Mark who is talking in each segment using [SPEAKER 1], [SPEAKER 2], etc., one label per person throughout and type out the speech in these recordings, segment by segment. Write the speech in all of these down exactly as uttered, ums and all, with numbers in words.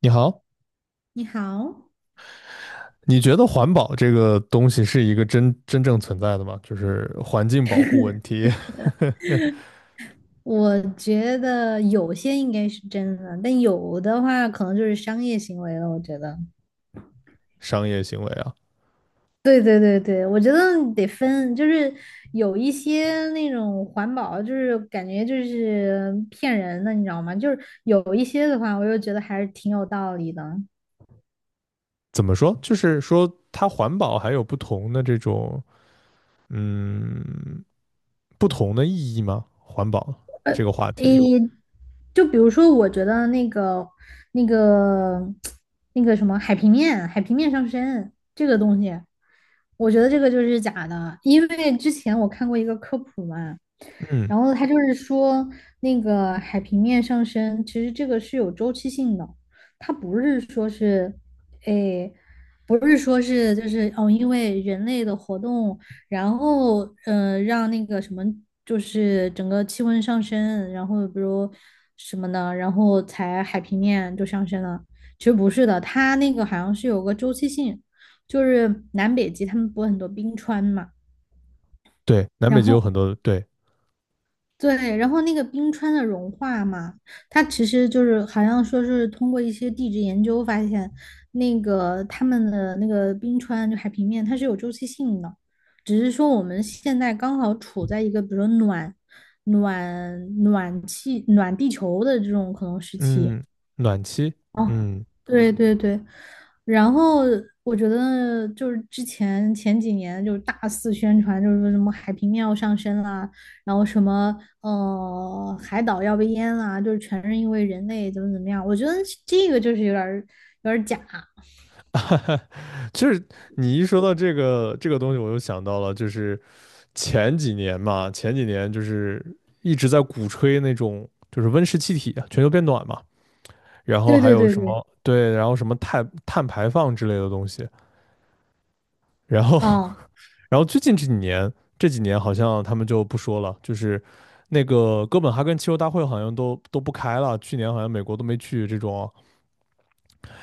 [SPEAKER 1] 你好，
[SPEAKER 2] 你好，
[SPEAKER 1] 你觉得环保这个东西是一个真真正存在的吗？就是环境保护问题、
[SPEAKER 2] 我觉得有些应该是真的，但有的话可能就是商业行为了。我觉得，
[SPEAKER 1] 商业行为啊？
[SPEAKER 2] 对对对对，我觉得得分，就是有一些那种环保，就是感觉就是骗人的，你知道吗？就是有一些的话，我又觉得还是挺有道理的。
[SPEAKER 1] 怎么说？就是说它环保还有不同的这种，嗯，不同的意义吗？环保这个话
[SPEAKER 2] 诶，
[SPEAKER 1] 题，
[SPEAKER 2] 就比如说，我觉得那个、那个、那个什么海平面、海平面上升这个东西，我觉得这个就是假的，因为之前我看过一个科普嘛，
[SPEAKER 1] 嗯，
[SPEAKER 2] 然后他就是说那个海平面上升，其实这个是有周期性的，它不是说是，诶，不是说是就是哦，因为人类的活动。然后呃，让那个什么，就是整个气温上升，然后比如什么的，然后才海平面就上升了。其实不是的，它那个好像是有个周期性，就是南北极他们不是很多冰川嘛，
[SPEAKER 1] 对，南
[SPEAKER 2] 然
[SPEAKER 1] 北极有
[SPEAKER 2] 后
[SPEAKER 1] 很多对，
[SPEAKER 2] 对，然后那个冰川的融化嘛，它其实就是好像说是通过一些地质研究发现，那个他们的那个冰川就海平面它是有周期性的，只是说我们现在刚好处在一个比如说暖暖暖气暖地球的这种可能时期，
[SPEAKER 1] 嗯，暖气，
[SPEAKER 2] 哦，
[SPEAKER 1] 嗯，
[SPEAKER 2] 对对对，然后我觉得就是之前前几年就是大肆宣传，就是说什么海平面要上升啦，然后什么呃海岛要被淹啦，就是全是因为人类怎么怎么样，我觉得这个就是有点儿有点儿假。
[SPEAKER 1] 就是你一说到这个这个东西，我又想到了，就是前几年嘛，前几年就是一直在鼓吹那种就是温室气体啊，全球变暖嘛，然后
[SPEAKER 2] 对
[SPEAKER 1] 还
[SPEAKER 2] 对
[SPEAKER 1] 有
[SPEAKER 2] 对
[SPEAKER 1] 什
[SPEAKER 2] 对，
[SPEAKER 1] 么对，然后什么碳碳排放之类的东西，然后
[SPEAKER 2] 哦，
[SPEAKER 1] 然后最近这几年这几年好像他们就不说了，就是那个哥本哈根气候大会好像都都不开了，去年好像美国都没去这种啊，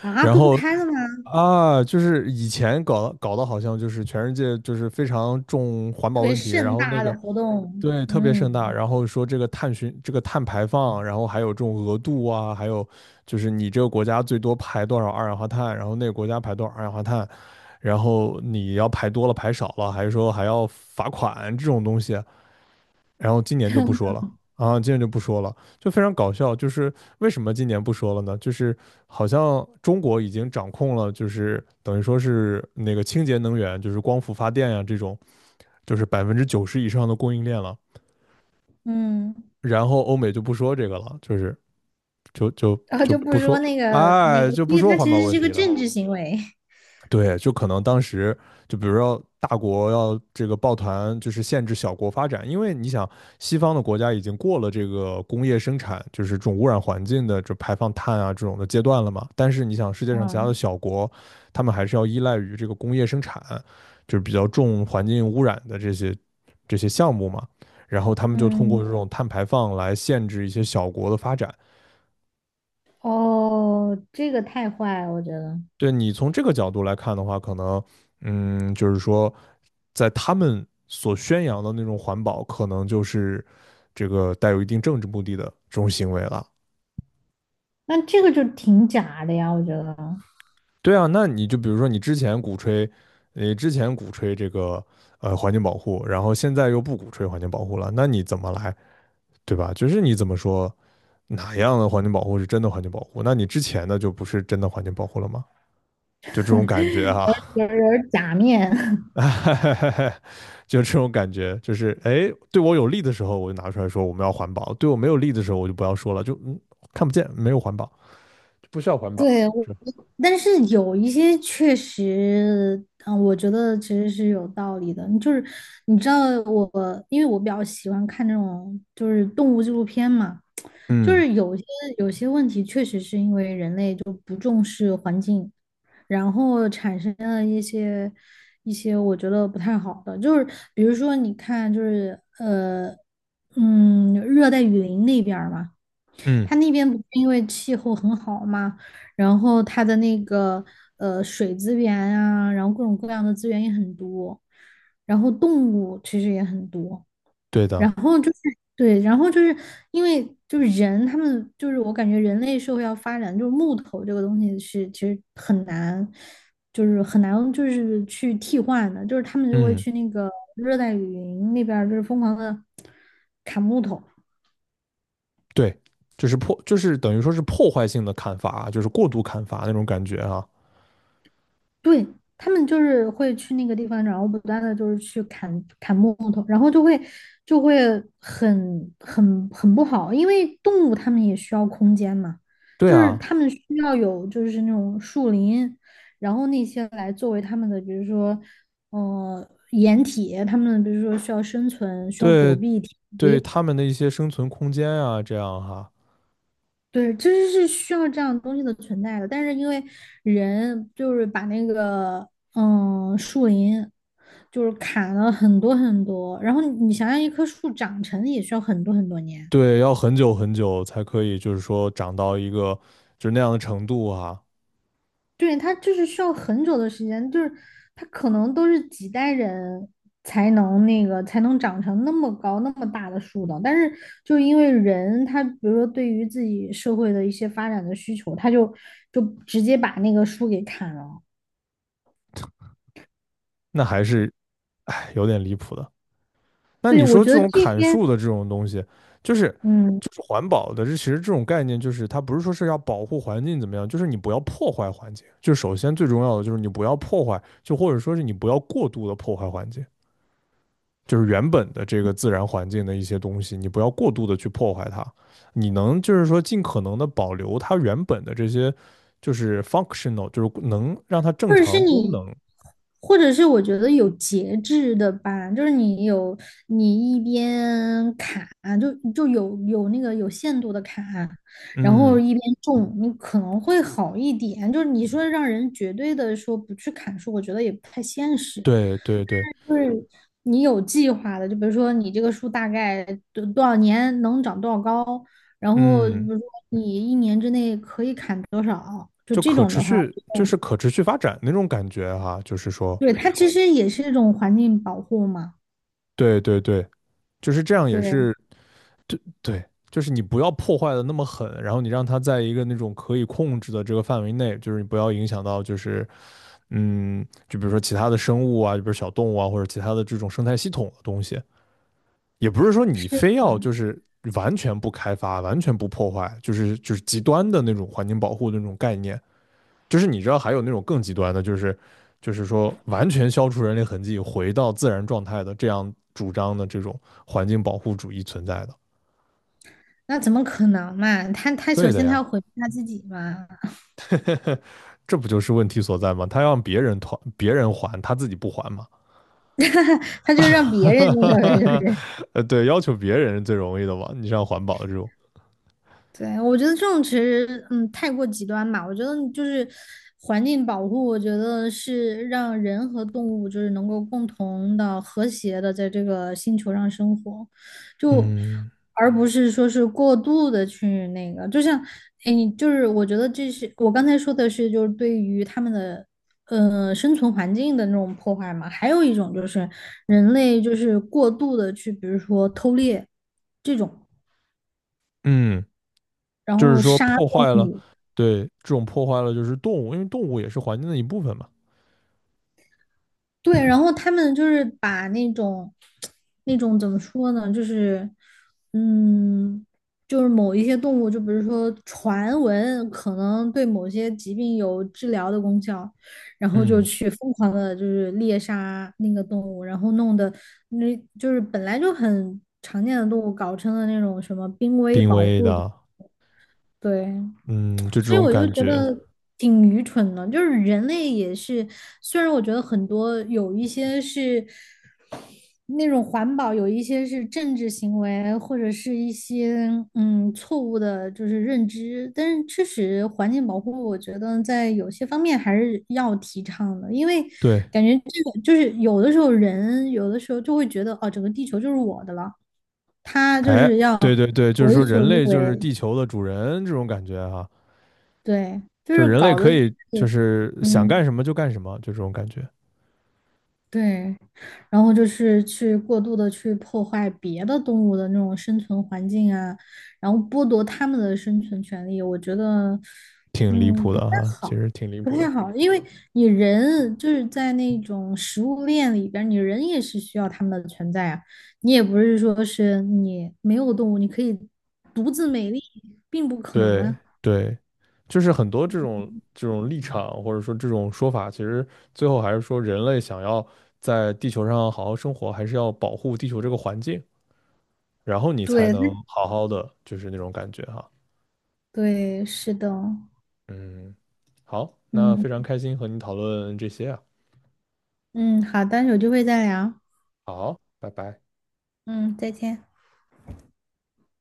[SPEAKER 2] 啊
[SPEAKER 1] 然
[SPEAKER 2] 都不
[SPEAKER 1] 后
[SPEAKER 2] 开了吗？
[SPEAKER 1] 啊，就是以前搞搞的好像就是全世界就是非常重环
[SPEAKER 2] 特
[SPEAKER 1] 保
[SPEAKER 2] 别
[SPEAKER 1] 问题，然
[SPEAKER 2] 盛
[SPEAKER 1] 后那
[SPEAKER 2] 大
[SPEAKER 1] 个
[SPEAKER 2] 的活动，
[SPEAKER 1] 对，特别盛大。
[SPEAKER 2] 嗯
[SPEAKER 1] 然后说这个碳循、这个碳排放，然后还有这种额度啊，还有就是你这个国家最多排多少二氧化碳，然后那个国家排多少二氧化碳，然后你要排多了排少了，还是说还要罚款这种东西。然后今年就不说了啊，今年就不说了，就非常搞笑。就是为什么今年不说了呢？就是好像中国已经掌控了，就是等于说是那个清洁能源，就是光伏发电呀、这种，就是百分之九十以上的供应链了。
[SPEAKER 2] 嗯，
[SPEAKER 1] 然后欧美就不说这个了，就是就就
[SPEAKER 2] 然后
[SPEAKER 1] 就
[SPEAKER 2] 就不
[SPEAKER 1] 不
[SPEAKER 2] 说
[SPEAKER 1] 说，
[SPEAKER 2] 那个那
[SPEAKER 1] 哎，
[SPEAKER 2] 个，所
[SPEAKER 1] 就不
[SPEAKER 2] 以
[SPEAKER 1] 说
[SPEAKER 2] 它
[SPEAKER 1] 环
[SPEAKER 2] 其
[SPEAKER 1] 保
[SPEAKER 2] 实
[SPEAKER 1] 问
[SPEAKER 2] 是个
[SPEAKER 1] 题了。
[SPEAKER 2] 政治行为，
[SPEAKER 1] 对，就可能当时就比如说大国要这个抱团，就是限制小国发展，因为你想西方的国家已经过了这个工业生产，就是这种污染环境的这排放碳啊这种的阶段了嘛。但是你想世界上其他的
[SPEAKER 2] 嗯
[SPEAKER 1] 小国，他们还是要依赖于这个工业生产，就是比较重环境污染的这些这些项目嘛。然后他们就通过
[SPEAKER 2] 嗯。
[SPEAKER 1] 这种碳排放来限制一些小国的发展，
[SPEAKER 2] 哦，这个太坏了，我觉得。
[SPEAKER 1] 对你从这个角度来看的话，可能，嗯，就是说，在他们所宣扬的那种环保，可能就是这个带有一定政治目的的这种行为了。
[SPEAKER 2] 那这个就挺假的呀，我觉得
[SPEAKER 1] 对啊，那你就比如说你之前鼓吹，你之前鼓吹这个呃环境保护，然后现在又不鼓吹环境保护了，那你怎么来，对吧？就是你怎么说哪样的环境保护是真的环境保护？那你之前的就不是真的环境保护了吗？就这种感觉啊。
[SPEAKER 2] 有有有点 假面。
[SPEAKER 1] 就这种感觉，就是哎，对我有利的时候我就拿出来说我们要环保，对我没有利的时候我就不要说了，就嗯看不见，没有环保，不需要环保。
[SPEAKER 2] 对，我
[SPEAKER 1] 是
[SPEAKER 2] 但是有一些确实，嗯，我觉得其实是有道理的。就是你知道我，因为我比较喜欢看这种就是动物纪录片嘛，就
[SPEAKER 1] 嗯
[SPEAKER 2] 是有些有些问题确实是因为人类就不重视环境，然后产生了一些一些我觉得不太好的，就是比如说你看就是呃嗯热带雨林那边儿嘛。它
[SPEAKER 1] 嗯，
[SPEAKER 2] 那边不是因为气候很好嘛，然后它的那个呃水资源啊，然后各种各样的资源也很多，然后动物其实也很多，
[SPEAKER 1] 对的，
[SPEAKER 2] 然后就是对，然后就是因为就是人他们就是我感觉人类社会要发展，就是木头这个东西是其实很难，就是很难就是去替换的，就是他们就会
[SPEAKER 1] 嗯
[SPEAKER 2] 去那个热带雨林那边儿就是疯狂的砍木头。
[SPEAKER 1] 对，就是破，就是等于说是破坏性的砍伐，就是过度砍伐那种感觉啊。
[SPEAKER 2] 对，他们就是会去那个地方，然后不断的就是去砍砍木头，然后就会就会很很很不好，因为动物它们也需要空间嘛，
[SPEAKER 1] 对
[SPEAKER 2] 就是
[SPEAKER 1] 啊，
[SPEAKER 2] 它们需要有就是那种树林，然后那些来作为它们的，比如说呃掩体，它们比如说需要生存，需要躲
[SPEAKER 1] 对
[SPEAKER 2] 避天
[SPEAKER 1] 对，
[SPEAKER 2] 敌，
[SPEAKER 1] 他们的一些生存空间啊，这样哈、
[SPEAKER 2] 对，其实是需要这样东西的存在的，但是因为人就是把那个嗯树林就是砍了很多很多，然后你想让一棵树长成也需要很多很多年，
[SPEAKER 1] 对，要很久很久才可以，就是说长到一个就是那样的程度哈、
[SPEAKER 2] 对，它就是需要很久的时间，就是它可能都是几代人才能那个才能长成那么高那么大的树的，但是就因为人他比如说对于自己社会的一些发展的需求，他就就直接把那个树给砍了。
[SPEAKER 1] 那还是哎有点离谱的。那
[SPEAKER 2] 对，
[SPEAKER 1] 你
[SPEAKER 2] 我
[SPEAKER 1] 说
[SPEAKER 2] 觉
[SPEAKER 1] 这
[SPEAKER 2] 得这
[SPEAKER 1] 种砍
[SPEAKER 2] 些，
[SPEAKER 1] 树的这种东西，就是
[SPEAKER 2] 嗯，
[SPEAKER 1] 就是环保的，这其实这种概念就是它不是说是要保护环境怎么样，就是你不要破坏环境，就首先最重要的就是你不要破坏，就或者说是你不要过度的破坏环境，就是原本的这个自然环境的一些东西，你不要过度的去破坏它，你能就是说尽可能的保留它原本的这些就是 functional，就是能让它正
[SPEAKER 2] 或者是
[SPEAKER 1] 常功
[SPEAKER 2] 你，
[SPEAKER 1] 能。
[SPEAKER 2] 或者是我觉得有节制的吧，就是你有你一边砍，就就有有那个有限度的砍，然后
[SPEAKER 1] 嗯，
[SPEAKER 2] 一边种，你可能会好一点。就是你说让人绝对的说不去砍树，我觉得也不太现实。
[SPEAKER 1] 对对对，
[SPEAKER 2] 就是你有计划的，就比如说你这个树大概多多少年能长多少高，然后比
[SPEAKER 1] 嗯。
[SPEAKER 2] 如说你一年之内可以砍多少，就
[SPEAKER 1] 就
[SPEAKER 2] 这
[SPEAKER 1] 可
[SPEAKER 2] 种
[SPEAKER 1] 持
[SPEAKER 2] 的话，
[SPEAKER 1] 续，就是可持续发展那种感觉哈、就是说，
[SPEAKER 2] 对，它其实也是一种环境保护嘛。
[SPEAKER 1] 对对对，就是这样也
[SPEAKER 2] 对，
[SPEAKER 1] 是对对，就是你不要破坏的那么狠，然后你让它在一个那种可以控制的这个范围内，就是你不要影响到就是嗯，就比如说其他的生物啊，就比如小动物啊，或者其他的这种生态系统的东西，也不是说你
[SPEAKER 2] 是，
[SPEAKER 1] 非要就是完全不开发、完全不破坏，就是就是极端的那种环境保护的那种概念，就是你知道还有那种更极端的，就是就是说完全消除人类痕迹，回到自然状态的这样主张的这种环境保护主义存在的。
[SPEAKER 2] 那怎么可能嘛？他他首
[SPEAKER 1] 对的
[SPEAKER 2] 先他
[SPEAKER 1] 呀，
[SPEAKER 2] 要毁灭他自己嘛，
[SPEAKER 1] 这不就是问题所在吗？他让别人团别人还，他自己不还嘛？
[SPEAKER 2] 他就让别人那个呗，
[SPEAKER 1] 呃，对，要求别人是最容易的嘛。你像环保的这种，
[SPEAKER 2] 对，我觉得这种其实，嗯，太过极端吧。我觉得就是环境保护，我觉得是让人和动物就是能够共同的、和谐的在这个星球上生活，就
[SPEAKER 1] 嗯
[SPEAKER 2] 而不是说是过度的去那个。就像，哎，你就是我觉得这是我刚才说的是，就是对于他们的呃生存环境的那种破坏嘛。还有一种就是人类就是过度的去，比如说偷猎这种。
[SPEAKER 1] 嗯，
[SPEAKER 2] 然
[SPEAKER 1] 就是
[SPEAKER 2] 后
[SPEAKER 1] 说
[SPEAKER 2] 杀
[SPEAKER 1] 破坏了，对，这种破坏了就是动物，因为动物也是环境的一部分嘛。
[SPEAKER 2] 对，然后他们就是把那种，那种怎么说呢，就是，嗯，就是某一些动物，就比如说传闻可能对某些疾病有治疗的功效，然后就
[SPEAKER 1] 嗯，
[SPEAKER 2] 去疯狂的，就是猎杀那个动物，然后弄得那就是本来就很常见的动物，搞成了那种什么濒危
[SPEAKER 1] 濒
[SPEAKER 2] 保
[SPEAKER 1] 危
[SPEAKER 2] 护动物，
[SPEAKER 1] 的，
[SPEAKER 2] 对。
[SPEAKER 1] 嗯，就这
[SPEAKER 2] 所以
[SPEAKER 1] 种
[SPEAKER 2] 我就
[SPEAKER 1] 感
[SPEAKER 2] 觉
[SPEAKER 1] 觉，
[SPEAKER 2] 得挺愚蠢的，就是人类也是，虽然我觉得很多有一些是那种环保有一些是政治行为，或者是一些嗯错误的，就是认知。但是确实，环境保护我觉得在有些方面还是要提倡的，因为
[SPEAKER 1] 对。
[SPEAKER 2] 感觉这个就是有的时候人有的时候就会觉得哦，整个地球就是我的了，他就
[SPEAKER 1] 哎，
[SPEAKER 2] 是要
[SPEAKER 1] 对对对，就是
[SPEAKER 2] 为
[SPEAKER 1] 说
[SPEAKER 2] 所
[SPEAKER 1] 人
[SPEAKER 2] 欲
[SPEAKER 1] 类就是
[SPEAKER 2] 为，
[SPEAKER 1] 地球的主人这种感觉哈、
[SPEAKER 2] 对，就
[SPEAKER 1] 就
[SPEAKER 2] 是
[SPEAKER 1] 人类
[SPEAKER 2] 搞得
[SPEAKER 1] 可以就是想干
[SPEAKER 2] 嗯。
[SPEAKER 1] 什么就干什么，就这种感觉，
[SPEAKER 2] 对，然后就是去过度的去破坏别的动物的那种生存环境啊，然后剥夺它们的生存权利，我觉得，
[SPEAKER 1] 挺离
[SPEAKER 2] 嗯，
[SPEAKER 1] 谱
[SPEAKER 2] 不太
[SPEAKER 1] 的哈、其
[SPEAKER 2] 好，
[SPEAKER 1] 实挺离
[SPEAKER 2] 不
[SPEAKER 1] 谱
[SPEAKER 2] 太
[SPEAKER 1] 的。
[SPEAKER 2] 好，因为你人就是在那种食物链里边儿你人也是需要它们的存在啊，你也不是说是你没有动物，你可以独自美丽，并不可能
[SPEAKER 1] 对
[SPEAKER 2] 啊。
[SPEAKER 1] 对，就是很多这种这种立场或者说这种说法，其实最后还是说人类想要在地球上好好生活，还是要保护地球这个环境，然后你才
[SPEAKER 2] 对，
[SPEAKER 1] 能好好的，就是那种感觉哈、
[SPEAKER 2] 对，是的，
[SPEAKER 1] 嗯，好，那
[SPEAKER 2] 嗯
[SPEAKER 1] 非常开心和你讨论这些啊，
[SPEAKER 2] 嗯，好的，有机会再聊，
[SPEAKER 1] 好，拜拜。
[SPEAKER 2] 嗯，再见。